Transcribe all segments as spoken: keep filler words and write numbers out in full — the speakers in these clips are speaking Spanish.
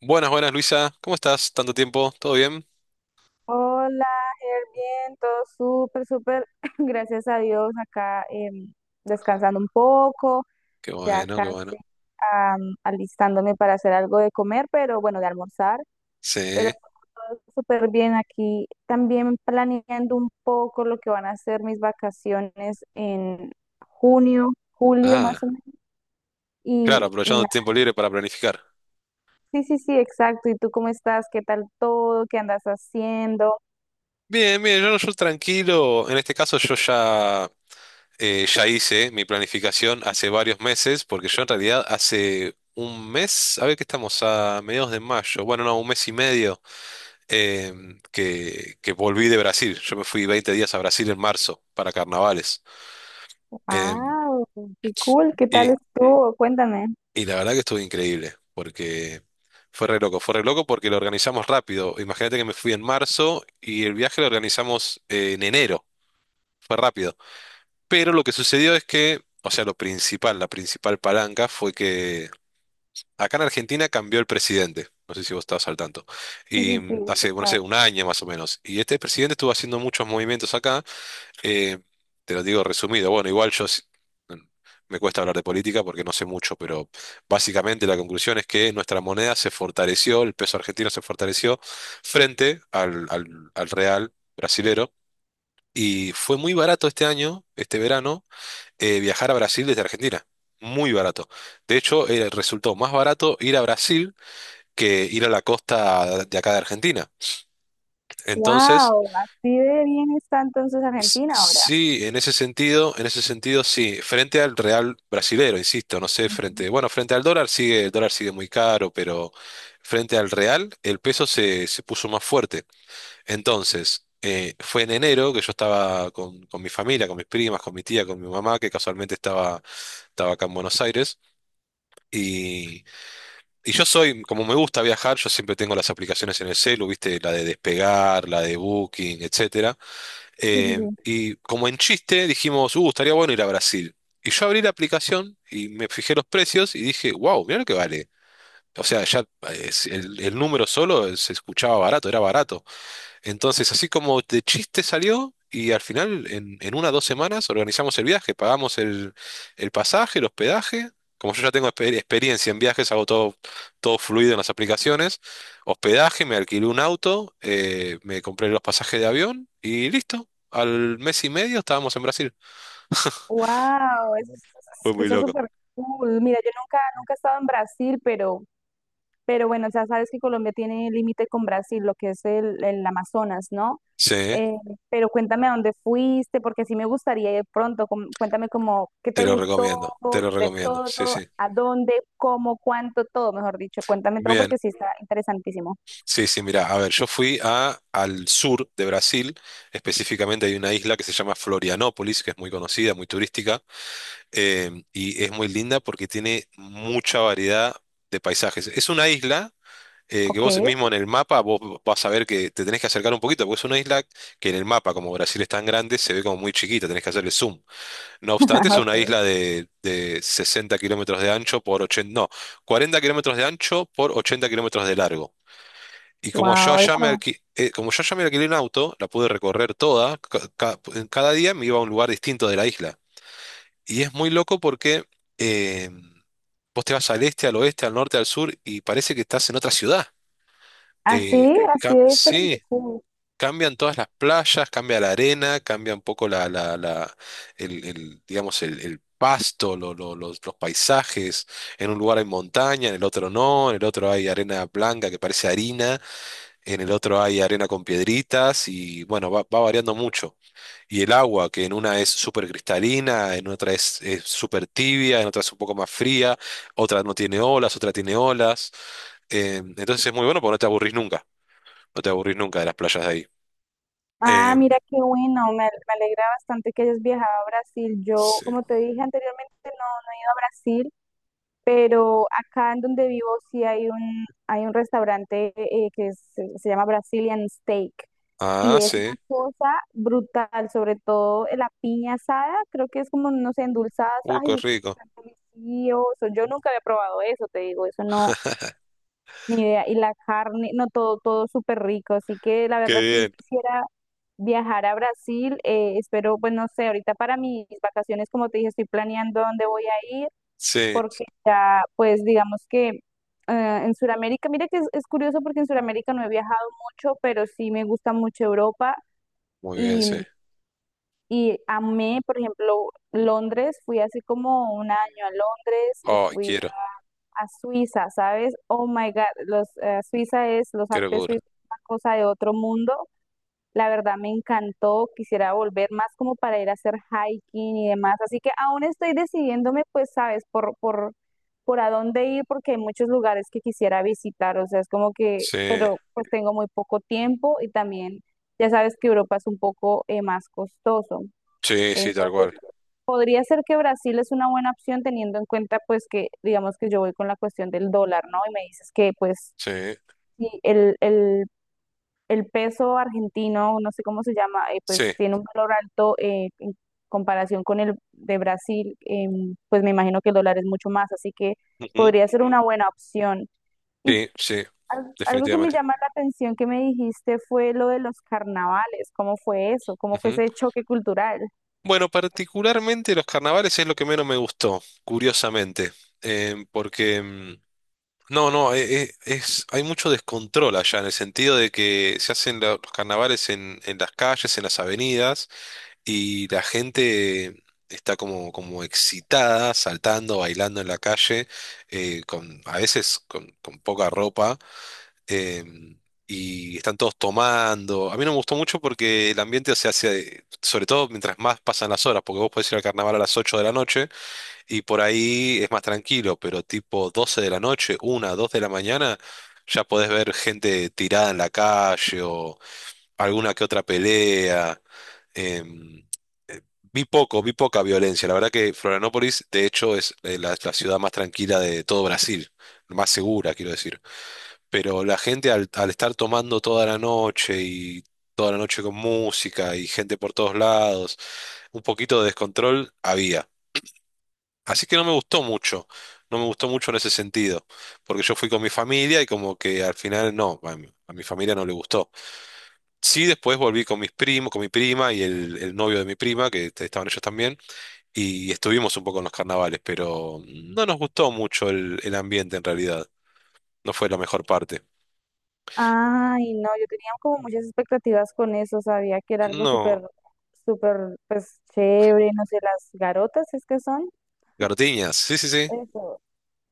Buenas, buenas, Luisa. ¿Cómo estás? ¿Tanto tiempo? ¿Todo bien? Hola, Ger, bien, todo súper, súper, gracias a Dios, acá em, descansando un poco, Qué ya bueno, qué bueno. casi am, alistándome para hacer algo de comer, pero bueno, de almorzar, pero Sí. todo súper bien aquí, también planeando un poco lo que van a ser mis vacaciones en junio, julio más Ah, o menos, y, claro, y aprovechando el nada, tiempo libre para planificar. sí, sí, sí, exacto, ¿y tú cómo estás? ¿Qué tal todo? ¿Qué andas haciendo? Bien, bien, yo, yo tranquilo. En este caso yo ya, eh, ya hice mi planificación hace varios meses, porque yo en realidad hace un mes, a ver que estamos a mediados de mayo, bueno, no, un mes y medio, em, que, que volví de Brasil. Yo me fui veinte días a Brasil en marzo para carnavales. Em, Ah, qué cool, ¿qué tal sí, estuvo? Cuéntame. Y la verdad que estuvo increíble, porque fue re loco, fue re loco porque lo organizamos rápido. Imagínate que me fui en marzo y el viaje lo organizamos eh, en enero, fue rápido. Pero lo que sucedió es que, o sea, lo principal, la principal palanca fue que acá en Argentina cambió el presidente. No sé si vos estabas al tanto. Sí, Y sí, sí, he mm, sí, hace, bueno, no sé, escuchado. un año más o menos. Y este presidente estuvo haciendo muchos movimientos acá. Eh, Te lo digo resumido. Bueno, igual yo s- mm, me cuesta hablar de política porque no sé mucho, pero básicamente la conclusión es que nuestra moneda se fortaleció, el peso argentino se fortaleció frente al, al- al real brasilero. Y fue muy barato este año, este verano, eh, viajar a Brasil desde Argentina. Muy barato. De hecho, eh, resultó más barato ir a Brasil que ir a la costa de acá de Argentina. Entonces... Wow, así de bien está entonces S- Argentina ahora. Sí, en ese sentido, en ese sentido sí, frente al real brasilero, insisto, no sé, Ujú. frente, bueno, frente al dólar sigue, el dólar sigue muy caro, pero frente al real el peso se, se puso más fuerte. Entonces, eh, fue en enero que yo estaba con, con mi familia, con mis primas, con mi tía, con mi mamá, que casualmente estaba, estaba acá en Buenos Aires, y, y yo soy, como me gusta viajar, yo siempre tengo las aplicaciones en el celu, viste, la de Despegar, la de Booking, etcétera. Sí, sí, Eh, sí. Y como en chiste dijimos, uh, estaría bueno ir a Brasil. Y yo abrí la aplicación y me fijé los precios y dije, wow, mirá lo que vale. O sea, ya eh, el, el número solo se escuchaba barato, era barato. Entonces, así como de chiste salió, y al final, en, en una o dos semanas, organizamos el viaje, pagamos el, el pasaje, el hospedaje. Como yo ya tengo exper- experiencia en viajes, hago todo, todo fluido en las aplicaciones. Hospedaje, me alquilé un auto, eh, me compré los pasajes de avión y listo. Al mes y medio estábamos en Brasil. Wow, eso se Fue muy escucha loco. súper cool. Mira, yo nunca, nunca he estado en Brasil, pero Pero bueno, ya sabes que Colombia tiene límite con Brasil, lo que es el, el Amazonas, ¿no? Sí, Eh, pero cuéntame a dónde fuiste, porque sí me gustaría ir pronto. com- Cuéntame como qué te te lo gustó recomiendo, te lo de recomiendo. Sí, todo, sí. a dónde, cómo, cuánto, todo, mejor dicho. Cuéntame todo Bien. porque sí está interesantísimo. Sí, sí, mira, a ver, yo fui a, al sur de Brasil, específicamente hay una isla que se llama Florianópolis, que es muy conocida, muy turística, eh, y es muy linda porque tiene mucha variedad de paisajes. Es una isla eh, que Ok, vos mismo en el mapa vos vas a ver que te tenés que acercar un poquito, porque es una isla que en el mapa, como Brasil es tan grande, se ve como muy chiquita, tenés que hacerle zoom. No ajá, obstante, es una ok. isla de, de sesenta kilómetros de ancho por ochenta, no, cuarenta kilómetros de ancho por ochenta kilómetros de largo. Y como yo Wow, allá me eso. alqui- eh, como yo allá me alquilé un auto, la pude recorrer toda, ca- ca- cada día me iba a un lugar distinto de la isla. Y es muy loco porque eh, vos te vas al este, al oeste, al norte, al sur y parece que estás en otra ciudad. Eh, Así, así cam- de diferente. sí, Uh, cambian todas las playas, cambia la arena, cambia un poco la, la, la- el, el, digamos, el, el pasto, lo- lo- los, los paisajes. En un lugar hay montaña, en el otro no, en el otro hay arena blanca que parece harina. En el otro hay arena con piedritas y bueno, va, va variando mucho. Y el agua, que en una es súper cristalina, en otra es, es súper tibia, en otra es un poco más fría, otra no tiene olas, otra tiene olas. Eh, entonces es muy bueno porque no te aburrís nunca, no te aburrís nunca de las playas de ahí. Ah, Eh, mira qué bueno, me, me alegra bastante que hayas viajado a Brasil. Yo, sí. como te dije anteriormente, no he ido a Brasil, pero acá en donde vivo sí hay un, hay un restaurante eh, que es- se se llama Brazilian Steak y Ah, es una sí. cosa brutal, sobre todo la piña asada, creo que es como, no sé, endulzadas, Uh, qué ay, eso es rico. tan delicioso, yo nunca había probado eso, te digo, eso no, ni idea, y la carne, no, todo, todo súper rico, así que la Qué verdad sí bien. quisiera viajar a Brasil, eh, espero, pues no sé, ahorita para mis vacaciones, como te dije, estoy planeando dónde voy a ir Sí, porque ya, pues digamos que eh, en Sudamérica, mira que es, es curioso porque en Sudamérica no he viajado mucho, pero sí me gusta mucho Europa muy bien, y, sí. y amé, por ejemplo, Londres, fui hace como un año a Londres y Ay, fui quiero, a Suiza, ¿sabes? Oh my God, los, eh, Suiza es, los qué Alpes locura. suizos, es una cosa de otro mundo. La verdad me encantó, quisiera volver más como para ir a hacer hiking y demás. Así que aún estoy decidiéndome, pues, sabes, por, por, por a dónde ir, porque hay muchos lugares que quisiera visitar. O sea, es como que, Sí, pero pues tengo muy poco tiempo y también ya sabes que Europa es un poco eh, más costoso. sí, sí, tal Entonces, cual. podría ser que Brasil es una buena opción teniendo en cuenta, pues, que digamos que yo voy con la cuestión del dólar, ¿no? Y me dices que, pues, Sí, sí, el, el el peso argentino, no sé cómo se llama, eh, sí. pues tiene un valor alto eh, en comparación con el de Brasil, em, pues me imagino que el dólar es mucho más, así que Ujú. podría ser una buena opción. Y Sí, sí, al- algo que me definitivamente. llama la atención que me dijiste fue lo de los carnavales, ¿cómo fue eso? ¿Cómo fue Ujú. ese choque cultural? Bueno, particularmente los carnavales es lo que menos me gustó, curiosamente, eh, porque mm, no, no, eh, eh, es, hay mucho descontrol allá en el sentido de que se hacen la- los carnavales en, en las calles, en las avenidas y la gente está como, como excitada, saltando, bailando en la calle, eh, con, a veces con, con poca ropa, em, y están todos tomando. A mí no me gustó mucho porque el ambiente se hace, sobre todo mientras más pasan las horas, porque vos podés ir al carnaval a las ocho de la noche y por ahí es más tranquilo, pero tipo doce de la noche, una dos de la mañana, ya podés ver gente tirada en la calle o alguna que otra pelea. em, eh, Vi poco, vi poca violencia. La verdad que Florianópolis, de hecho, es eh, la, la ciudad más tranquila de todo Brasil, más segura, quiero decir. Pero la gente al, al estar tomando toda la noche y toda la noche con música y gente por todos lados, un poquito de descontrol había. Así que no me gustó mucho, no me gustó mucho en ese sentido, porque yo fui con mi familia y como que al final no, a mi, a mi familia no le gustó. Sí, después volví con mis primos, con mi prima y el, el novio de mi prima, que est- estaban ellos también, y estuvimos un poco en los carnavales, pero no nos gustó mucho el el ambiente en realidad, no fue la mejor parte. Ay, no, yo tenía como muchas expectativas con eso, sabía que era algo No. súper, súper, pues chévere, no sé, las garotas es que son. Gartiñas, sí, sí, sí. Eso.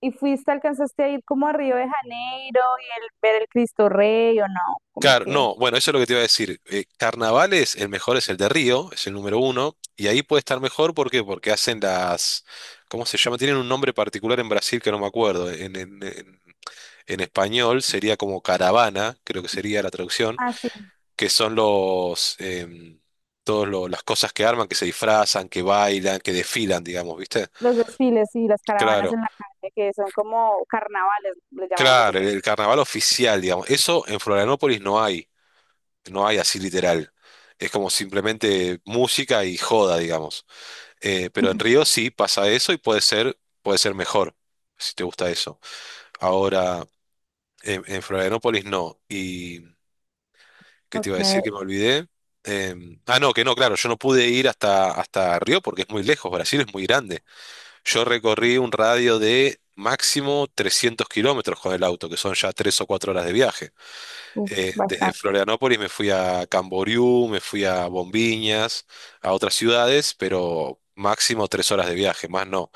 ¿Y fuiste, alcanzaste a ir como a Río de Janeiro y el, ver el Cristo Rey o no? Como Car- que, no, bueno, eso es lo que te iba a decir. Eh, carnavales, el mejor es el de Río, es el número uno, y ahí puede estar mejor, ¿por qué? Porque hacen las, ¿cómo se llama? Tienen un nombre particular en Brasil que no me acuerdo. En, en- en- en español sería como caravana, creo que sería la traducción, ah, sí, que son los, em, todos lo- las cosas que arman, que se disfrazan, que bailan, que desfilan, digamos, ¿viste? los desfiles y las caravanas Claro, en la calle, que son como carnavales, les llamamos claro, el, nosotros. el carnaval oficial, digamos. Eso en Florianópolis no hay. No hay así literal. Es como simplemente música y joda, digamos. Eh, pero en Río sí pasa eso y puede ser, puede ser mejor, si te gusta eso. Ahora, en, en Florianópolis no. ¿Y qué te iba a Okay, decir que me olvidé? Em, ah, no, que no, claro, yo no pude ir hasta, hasta Río porque es muy lejos, Brasil es muy grande. Yo recorrí un radio de máximo trescientos kilómetros con el auto, que son ya tres o cuatro horas de viaje. uf, eh, desde bastante. Florianópolis me fui a Camboriú, me fui a Bombiñas, a otras ciudades, pero máximo tres horas de viaje, más no.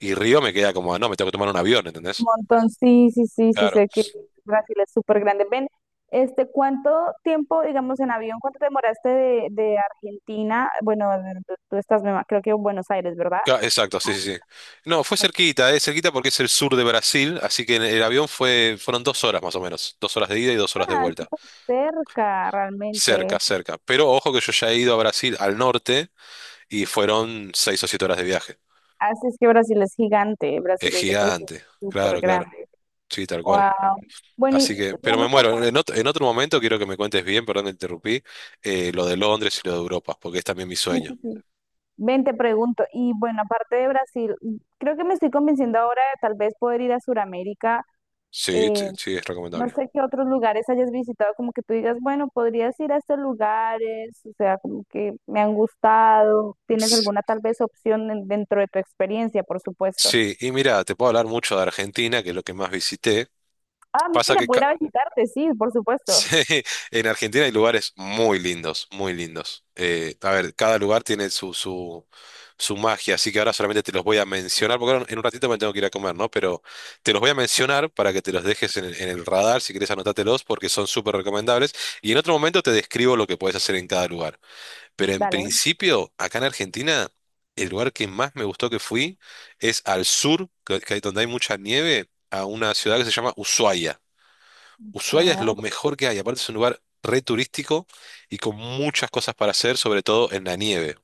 Y Río me queda como, ah, no, me tengo que tomar un avión, Un ¿entendés? montón, sí, sí, sí, sí, Claro, sé que Brasil es súper grande. Ven, este, ¿cuánto tiempo, digamos, en avión, cuánto te demoraste de, de Argentina? Bueno, de- de- tú estás, me ima- creo que en Buenos Aires, ¿verdad? Ca- exacto, sí, sí, sí. No, fue Ah, cerquita, eh, cerquita porque es el sur de Brasil, así que en el avión fue, fueron dos horas más o menos, dos horas de ida y dos horas de vuelta. está cerca Cerca, realmente. cerca. Pero ojo que yo ya he ido a Brasil al norte y fueron seis o siete horas de viaje. Así es que Brasil es gigante, Es Brasil es de por sí gigante, súper claro, claro. grande. Sí, tal cual. Wow. Bueno, Así y que, pero me digamos que muero. aparte, En otro, en otro momento quiero que me cuentes bien, perdón, te interrumpí, eh, lo de Londres y lo de Europa, porque es también mi sí, sí, sueño. sí. Ven, te pregunto, y bueno, aparte de Brasil, creo que me estoy convenciendo ahora de tal vez poder ir a Sudamérica. Sí, Eh, t- sí, es no recomendable. sé qué otros lugares hayas visitado, como que tú digas, bueno, podrías ir a estos lugares, o sea, como que me han gustado. ¿Tienes S- alguna tal vez opción en- dentro de tu experiencia, por supuesto? Sí, y mira, te puedo hablar mucho de Argentina, que es lo que más visité. Ah, Pasa mira, que ca- pudiera visitarte, sí, por supuesto. Sí, en Argentina hay lugares muy lindos, muy lindos. Eh, a ver, cada lugar tiene su, su, su magia, así que ahora solamente te los voy a mencionar, porque ahora en un ratito me tengo que ir a comer, ¿no? Pero te los voy a mencionar para que te los dejes en, el en el radar, si querés anótatelos, porque son súper recomendables. Y en otro momento te describo lo que puedes hacer en cada lugar. Pero en Dale. principio, acá en Argentina, el lugar que más me gustó que fui es al sur, que- que hay- donde hay mucha nieve, a una ciudad que se llama Ushuaia. Voy Ushuaia es lo aquí. mejor que hay, aparte es un lugar re turístico y con muchas cosas para hacer, sobre todo en la nieve.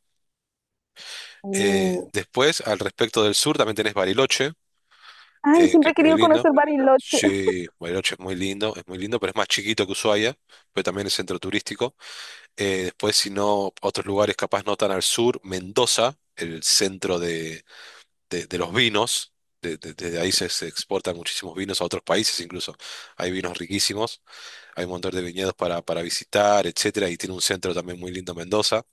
Eh, después, al respecto del sur, también tenés Bariloche, Ay, eh, que siempre es he muy querido lindo. conocer Bariloche. Sí, Bariloche es muy lindo, es muy lindo, pero es más chiquito que Ushuaia, pero también es centro turístico. Eh, después, si no, otros lugares capaz no tan al sur, Mendoza, el centro de, de- de los vinos. de- de- Desde ahí se, se exportan muchísimos vinos a otros países incluso. Hay vinos riquísimos. hay un montón de viñedos para, para visitar, etcétera, y tiene un centro también muy lindo Mendoza.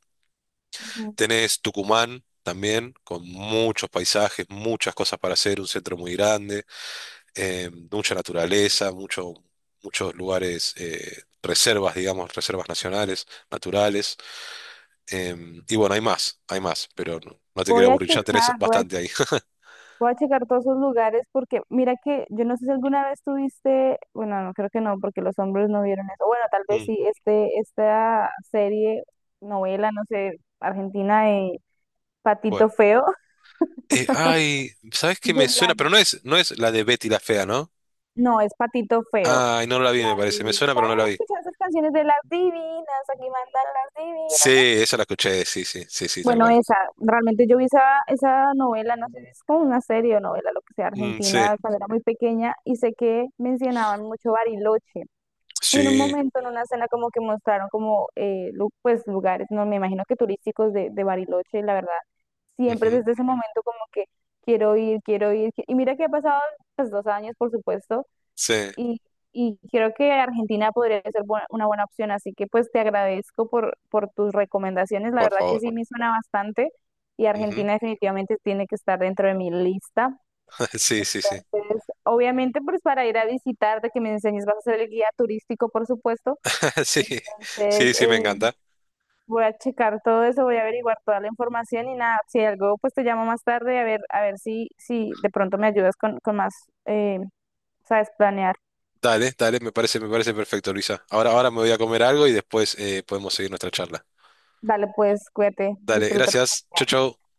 Ujú. Tenés Tucumán también, con muchos paisajes, muchas cosas para hacer, un centro muy grande, eh, mucha naturaleza, mucho, muchos lugares, eh, reservas, digamos, reservas nacionales, naturales. em, y bueno, hay más, hay más, pero no, no te quiero Voy a aburrir, ya tenés checar, voy a, bastante ahí. voy a checar todos esos lugares porque mira que yo no sé si alguna vez tuviste, bueno, no creo que no, porque los hombres no vieron eso. Bueno, tal vez Mm, sí, este, esta serie, novela, no sé, argentina de Patito bueno. Feo. Eh, ay, ¿sabes qué Yo me la... suena? Pero no es, no es la de Betty la Fea, ¿no? No, es Patito Feo. Ay, no la vi, me La parece. Me de... suena, pero ¿Sabes? no la vi. Escuchar esas canciones de las divinas? Aquí mandan las Sí, divinas. esa la escuché, sí, sí, sí, sí, tal Bueno, cual. esa, realmente yo vi esa, esa novela, no sé, si es como una serie o novela, lo que sea, Mm, sí, argentina, cuando era muy pequeña, y sé que mencionaban mucho Bariloche. Y en un sí, momento, en una escena, como que mostraron como, eh, lu- pues, lugares, no me imagino que turísticos de, de Bariloche, y la verdad, siempre ujú, desde ese momento como que quiero ir, quiero ir, qui- y mira que ha pasado, pues, dos años, por supuesto, sí, y, y creo que Argentina podría ser bu- una buena opción, así que pues te agradezco por, por tus recomendaciones, la por verdad que favor. sí me suena bastante y Ujú. Argentina definitivamente tiene que estar dentro de mi lista. Sí, sí, sí, Entonces, obviamente pues para ir a visitarte, que me enseñes, vas a ser el guía turístico, por supuesto. sí, Entonces, sí, sí, me eh, encanta. voy a checar todo eso, voy a averiguar toda la información y nada, si algo, pues te llamo más tarde a ver, a ver si, si de pronto me ayudas con, con más, eh, sabes, planear. Dale, dale, me parece, me parece perfecto, Luisa. Ahora, ahora me voy a comer algo y después eh, podemos seguir nuestra charla. Dale, pues, cuídate, Dale, disfruta tu gracias, chau, comida. chau.